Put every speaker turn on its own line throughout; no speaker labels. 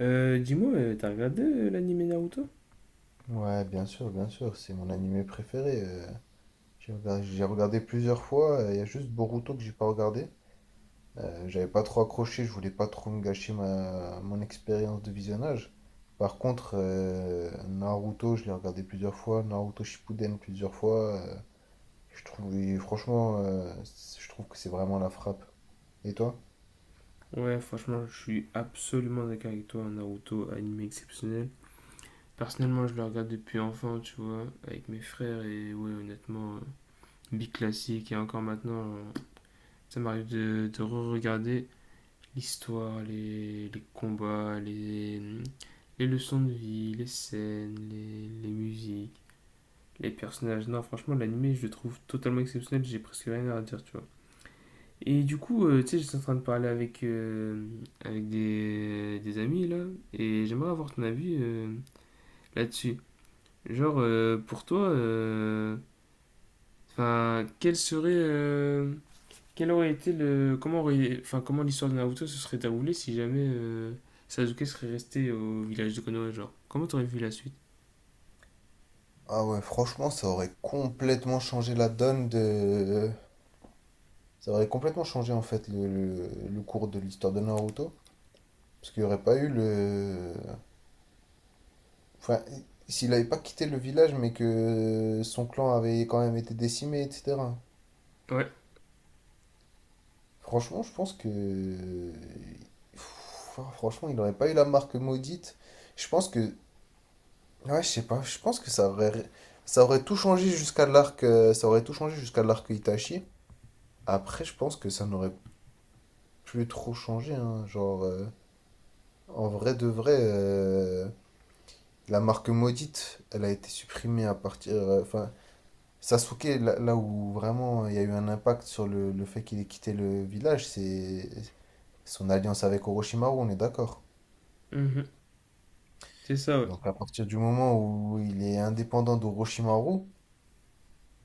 T'as regardé l'anime Naruto?
Ouais, bien sûr, c'est mon animé préféré. J'ai regardé plusieurs fois, il y a juste Boruto que j'ai pas regardé. J'avais pas trop accroché, je voulais pas trop me gâcher mon expérience de visionnage. Par contre, Naruto, je l'ai regardé plusieurs fois, Naruto Shippuden plusieurs fois. Je trouve, et franchement, je trouve que c'est vraiment la frappe. Et toi?
Ouais, franchement, je suis absolument d'accord avec toi. Naruto, anime exceptionnel. Personnellement, je le regarde depuis enfant, tu vois, avec mes frères, et ouais, honnêtement, big classique, et encore maintenant, ça m'arrive de re-regarder l'histoire, les combats, les leçons de vie, les scènes, les musiques, les personnages. Non, franchement, l'anime, je le trouve totalement exceptionnel, j'ai presque rien à dire, tu vois. Et du coup, tu sais, j'étais en train de parler avec, avec des amis là, et j'aimerais avoir ton avis là-dessus. Genre, pour toi, enfin, quel serait, quel aurait été le, enfin, comment l'histoire de Naruto se serait déroulée si jamais Sasuke serait resté au village de Konoha, genre, comment t'aurais vu la suite?
Ah ouais, franchement, ça aurait complètement changé la donne de… Ça aurait complètement changé en fait le cours de l'histoire de Naruto. Parce qu'il n'y aurait pas eu le… Enfin, s'il n'avait pas quitté le village, mais que son clan avait quand même été décimé, etc.
Ouais,
Franchement, je pense que… Pff, franchement, il n'aurait pas eu la marque maudite. Je pense que… Ouais, je sais pas. Je pense que ça aurait… Ça aurait tout changé jusqu'à l'arc… ça aurait tout changé jusqu'à l'arc Itachi. Après, je pense que ça n'aurait plus trop changé, hein. Genre, en vrai de vrai, la marque maudite, elle a été supprimée à partir… enfin, Sasuke, là, là où vraiment il y a eu un impact sur le fait qu'il ait quitté le village, c'est son alliance avec Orochimaru, on est d'accord.
mhm. C'est ça, ouais,
Donc à partir du moment où il est indépendant d'Orochimaru,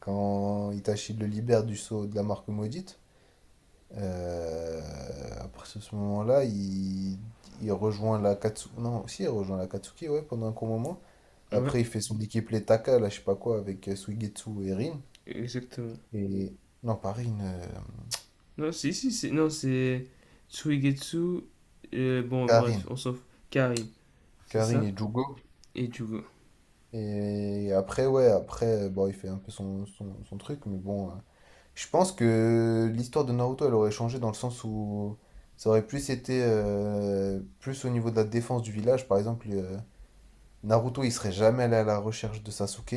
quand Itachi le libère du sceau de la marque maudite, euh, à partir de ce moment-là, il rejoint la Katsuki. Non, si, il rejoint la Katsuki, ouais, pendant un court moment.
ouais,
Après, il fait son équipe les Taka, là, je sais pas quoi, avec Suigetsu et Rin.
exactement.
Et… non, pas Rin,
Non, si, si, c'est, non, c'est Tsuigetsu, bon, bref,
Karin.
on s'en fout. Karin. C'est
Karin
ça.
et Jugo.
Et du coup,
Et après, ouais, après, bon, il fait un peu son truc, mais bon, je pense que l'histoire de Naruto, elle aurait changé dans le sens où ça aurait plus été plus au niveau de la défense du village. Par exemple, Naruto, il serait jamais allé à la recherche de Sasuke.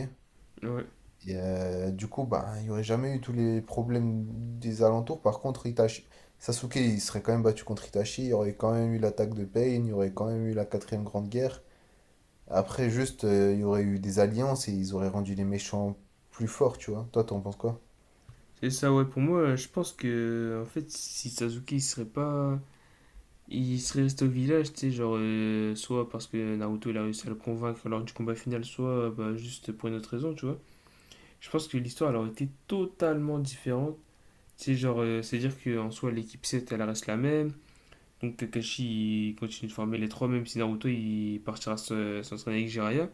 ouais.
Et du coup, bah, il n'y aurait jamais eu tous les problèmes des alentours. Par contre, Itachi, Sasuke, il serait quand même battu contre Itachi. Il y aurait quand même eu l'attaque de Pain. Il y aurait quand même eu la quatrième grande guerre. Après, juste, il y aurait eu des alliances et ils auraient rendu les méchants plus forts, tu vois. Toi, t'en penses quoi?
C'est ça, ouais. Pour moi, je pense que, en fait, si Sasuke, il serait pas. Il serait resté au village, tu sais, genre, soit parce que Naruto, il a réussi à le convaincre lors du combat final, soit bah, juste pour une autre raison, tu vois. Je pense que l'histoire, elle aurait été totalement différente. Tu sais, genre, c'est-à-dire qu'en soi, l'équipe 7 elle reste la même. Donc Kakashi, il continue de former les trois, même si Naruto, il partira s'entraîner avec Jiraiya.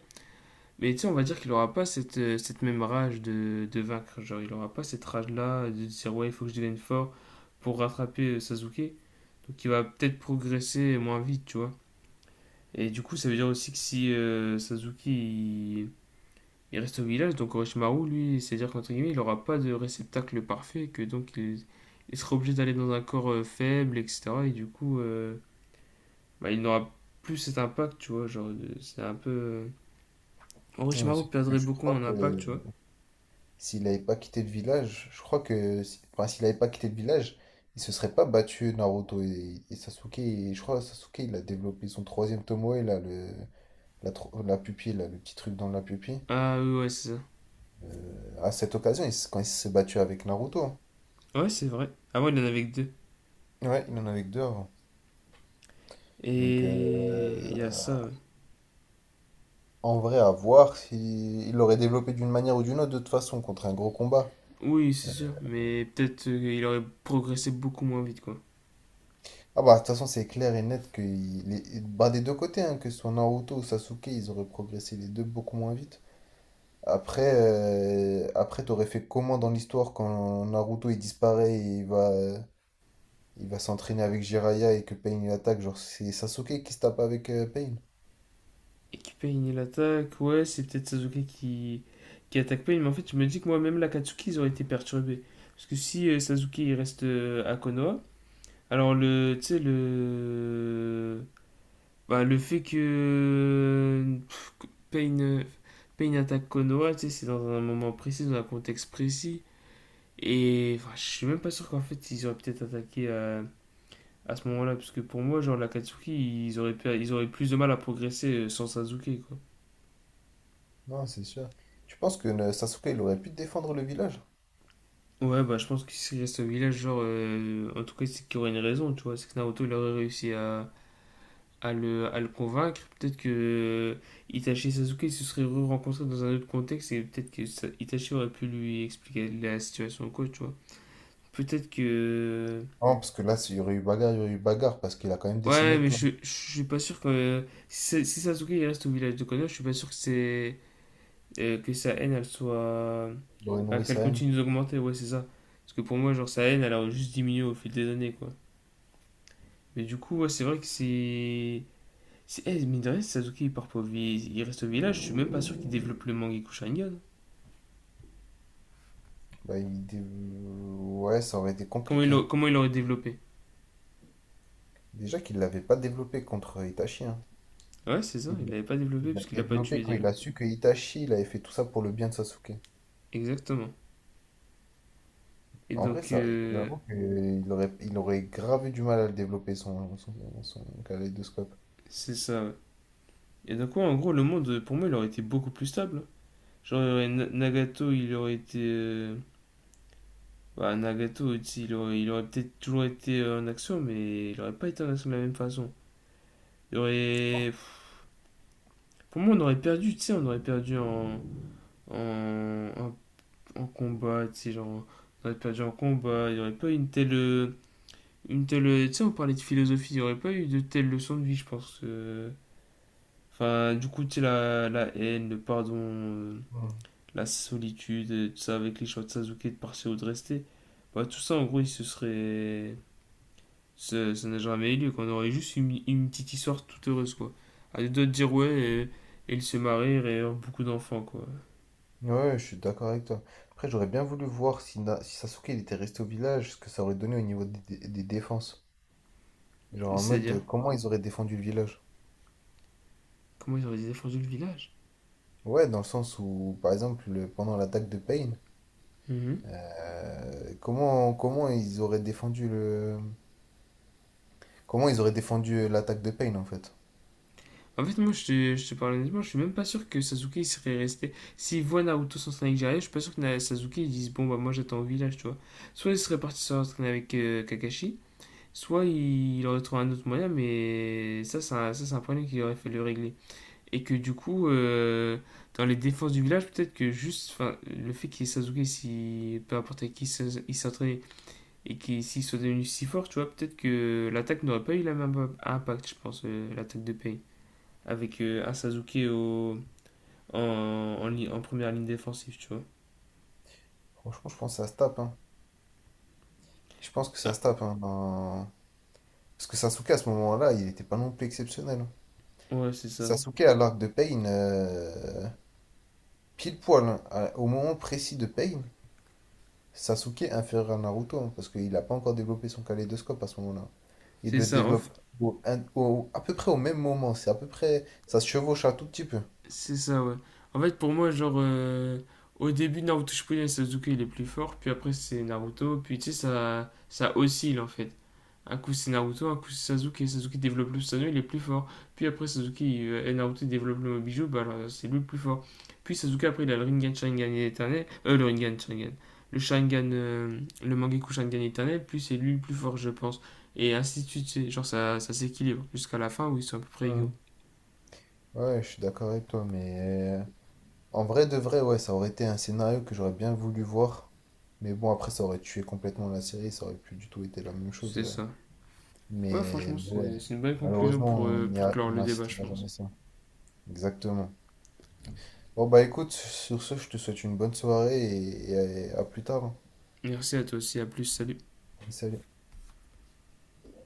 Mais tu sais, on va dire qu'il aura pas cette, cette même rage de vaincre. Genre, il aura pas cette rage-là de dire, ouais, il faut que je devienne fort pour rattraper Sasuke. Donc, il va peut-être progresser moins vite, tu vois. Et du coup, ça veut dire aussi que si il reste au village, donc Orochimaru, lui, c'est-à-dire qu'entre guillemets, il aura pas de réceptacle parfait, que il sera obligé d'aller dans un corps faible, etc. Et du coup, bah, il n'aura plus cet impact, tu vois. Genre, c'est un peu.
Ouais, mais
Orochimaru
surtout que
perdrait
je
beaucoup
crois
en
que
impact, tu vois.
s'il n'avait pas quitté le village, je crois que, enfin, s'il n'avait pas quitté le village, il se serait pas battu Naruto et Sasuke. Et je crois que Sasuke, il a développé son troisième Tomoe, là, le, la pupille, là, le petit truc dans la pupille.
Ah oui, ouais, c'est ça.
À cette occasion, quand il s'est battu avec Naruto.
Ouais, c'est vrai. Avant, il en avait que deux.
Ouais, il en avait que deux avant. Donc,
Et il y a ça, ouais.
en vrai, à voir s'il l'aurait développé d'une manière ou d'une autre, de toute façon, contre un gros combat.
Oui, c'est sûr, mais peut-être il aurait progressé beaucoup moins vite, quoi.
Ah bah, de toute façon, c'est clair et net que il est… bah, des deux côtés, hein, que ce soit Naruto ou Sasuke, ils auraient progressé les deux beaucoup moins vite. Après, après t'aurais fait comment dans l'histoire quand Naruto il disparaît et il va s'entraîner avec Jiraiya et que Pain il attaque? Genre, c'est Sasuke qui se tape avec Pain.
Et qui paye l'attaque, ouais, c'est peut-être Sasuke qui attaque Pain, mais en fait, je me dis que moi-même, l'Akatsuki, ils auraient été perturbés. Parce que si Sasuke, il reste à Konoha, alors le... Tu sais, le... Bah, le fait que... Pff, que Pain... Pain attaque Konoha, tu sais, c'est dans un moment précis, dans un contexte précis. Et enfin, je suis même pas sûr qu'en fait ils auraient peut-être attaqué à ce moment-là, parce que pour moi, genre l'Akatsuki, ils auraient, ils auraient plus de mal à progresser sans Sasuke, quoi.
Non, c'est sûr. Tu penses que Sasuke il aurait pu défendre le village?
Ouais, bah je pense que s'il reste au village, genre, en tout cas, c'est qu'il y aurait une raison, tu vois. C'est que Naruto, il aurait réussi à, à le convaincre. Peut-être que Itachi et Sasuke se seraient re-rencontrés dans un autre contexte et peut-être que Itachi aurait pu lui expliquer la situation, quoi, tu vois. Peut-être que
Non, parce que là, il y aurait eu bagarre, il y aurait eu bagarre, parce qu'il a quand même
ouais,
décimé le
mais
clan.
je suis pas sûr que. Si, si Sasuke il reste au village de Konoha, je suis pas sûr que c'est. Que sa haine, elle soit.
Il aurait
Enfin,
nourri
qu'elle
sa haine.
continue d'augmenter, ouais, c'est ça. Parce que pour moi, genre, sa haine, elle a juste diminué au fil des années, quoi. Mais du coup, ouais, c'est vrai que c'est. C'est eh, mine de rien, si Sasuke il part pas au il reste au village, je suis même pas sûr qu'il développe le Mangekyou Sharingan.
Ouais, ça aurait été compliqué.
Comment il l'aurait développé?
Déjà qu'il l'avait pas développé contre Itachi, hein.
Ouais, c'est ça,
Il
il l'avait pas développé
l'a
puisqu'il l'a pas
développé
tué
quand
déjà.
il a su que Itachi, il avait fait tout ça pour le bien de Sasuke.
Exactement. Et
En vrai,
donc,
ça, j'avoue qu'il aurait, il aurait grave eu du mal à le développer, son kaléidoscope.
c'est ça, ouais. Et donc, ouais, en gros, le monde, pour moi, il aurait été beaucoup plus stable, hein. Genre, il y aurait- Na- Nagato, il aurait été. Bah, Nagato, tu sais, il aurait peut-être toujours été en action, mais il aurait pas été en action de la même façon. Il aurait. Pour moi, on aurait perdu, tu sais, on aurait perdu en. En, en, en combat, tu sais, genre. On aurait perdu en combat, il n'y aurait pas eu une telle. Une telle. Tu sais, on parlait de philosophie, il n'y aurait pas eu de telle leçon de vie, je pense. Enfin, du coup, tu sais, la haine, le pardon.
Hmm.
La solitude, et tout ça, avec les choix de Sasuke de partir ou de rester. Bah, tout ça, en gros, il se serait. Ça n'a jamais eu lieu, qu'on aurait juste une petite histoire toute heureuse, quoi. À deux doigts de dire ouais, et ils se marient et ont beaucoup d'enfants, quoi.
Ouais, je suis d'accord avec toi. Après, j'aurais bien voulu voir si, si Sasuke il était resté au village, ce que ça aurait donné au niveau des, des défenses. Genre en mode,
C'est-à-dire,
comment ils auraient défendu le village?
comment ils auraient défendu le village.
Ouais, dans le sens où, par exemple, pendant l'attaque de Pain,
Mhm.
Comment ils auraient défendu le… Comment ils auraient défendu l'attaque de Payne en fait?
En fait, moi, je te parle honnêtement, je suis même pas sûr que Sasuke il serait resté. S'il voit Naruto s'entraîner avec Jiraiya, je suis pas sûr que Sasuke il dise bon, bah, moi j'attends au village, tu vois. Soit il serait parti s'entraîner avec Kakashi, soit il aurait trouvé un autre moyen, mais ça, c'est un problème qu'il aurait fallu régler. Et que du coup, dans les défenses du village, peut-être que juste enfin, le fait qu'il y ait Sasuke, si, peu importe avec qui il s'entraînait, et qu'il s'il soit devenu si fort, tu vois, peut-être que l'attaque n'aurait pas eu la même impact, je pense, l'attaque de Pain. Avec un Sasuke au, en première ligne défensive, tu vois.
Franchement, je pense que ça se tape, hein. Je pense que ça
Ah,
se tape, hein. Parce que Sasuke, à ce moment-là, il n'était pas non plus exceptionnel, hein.
ouais, c'est ça.
Sasuke, à l'arc de Pain, pile poil, hein, au moment précis de Pain, Sasuke inférieur à Naruto, hein, parce qu'il n'a pas encore développé son kaléidoscope à ce moment-là. Il
C'est
le
ça. En,
développe à peu près au même moment, c'est à peu près, ça se chevauche un tout petit peu.
c'est ça, ouais. En fait, pour moi, genre, au début, Naruto Shippuden, Sasuke, il est plus fort, puis après, c'est Naruto, puis tu sais, ça oscille, en fait. Un coup, c'est Naruto, un coup, c'est Sasuke. Sasuke développe le Susanoo, il est plus fort. Puis après, et Naruto développent le Mobiju, bah alors, c'est lui le plus fort. Puis Sasuke, après, il a le Rinnegan Sharingan éternel. Le Rinnegan Sharingan. Le Sharingan, le Mangekyou Sharingan éternel, puis c'est lui le plus fort, je pense. Et ainsi de suite, tu sais, genre, ça s'équilibre jusqu'à la fin où ils sont à peu près
Hmm.
égaux.
Ouais, je suis d'accord avec toi, mais euh, en vrai de vrai, ouais, ça aurait été un scénario que j'aurais bien voulu voir. Mais bon, après, ça aurait tué complètement la série, ça aurait plus du tout été la même chose.
C'est ça. Ouais, franchement,
Mais ouais,
c'est une bonne conclusion
malheureusement,
pour clore
on
le débat, je
n'assistera jamais à
pense.
ça. Exactement. Bon, bah écoute, sur ce, je te souhaite une bonne soirée et à plus tard, hein.
Merci à toi aussi, à plus, salut.
Allez, salut.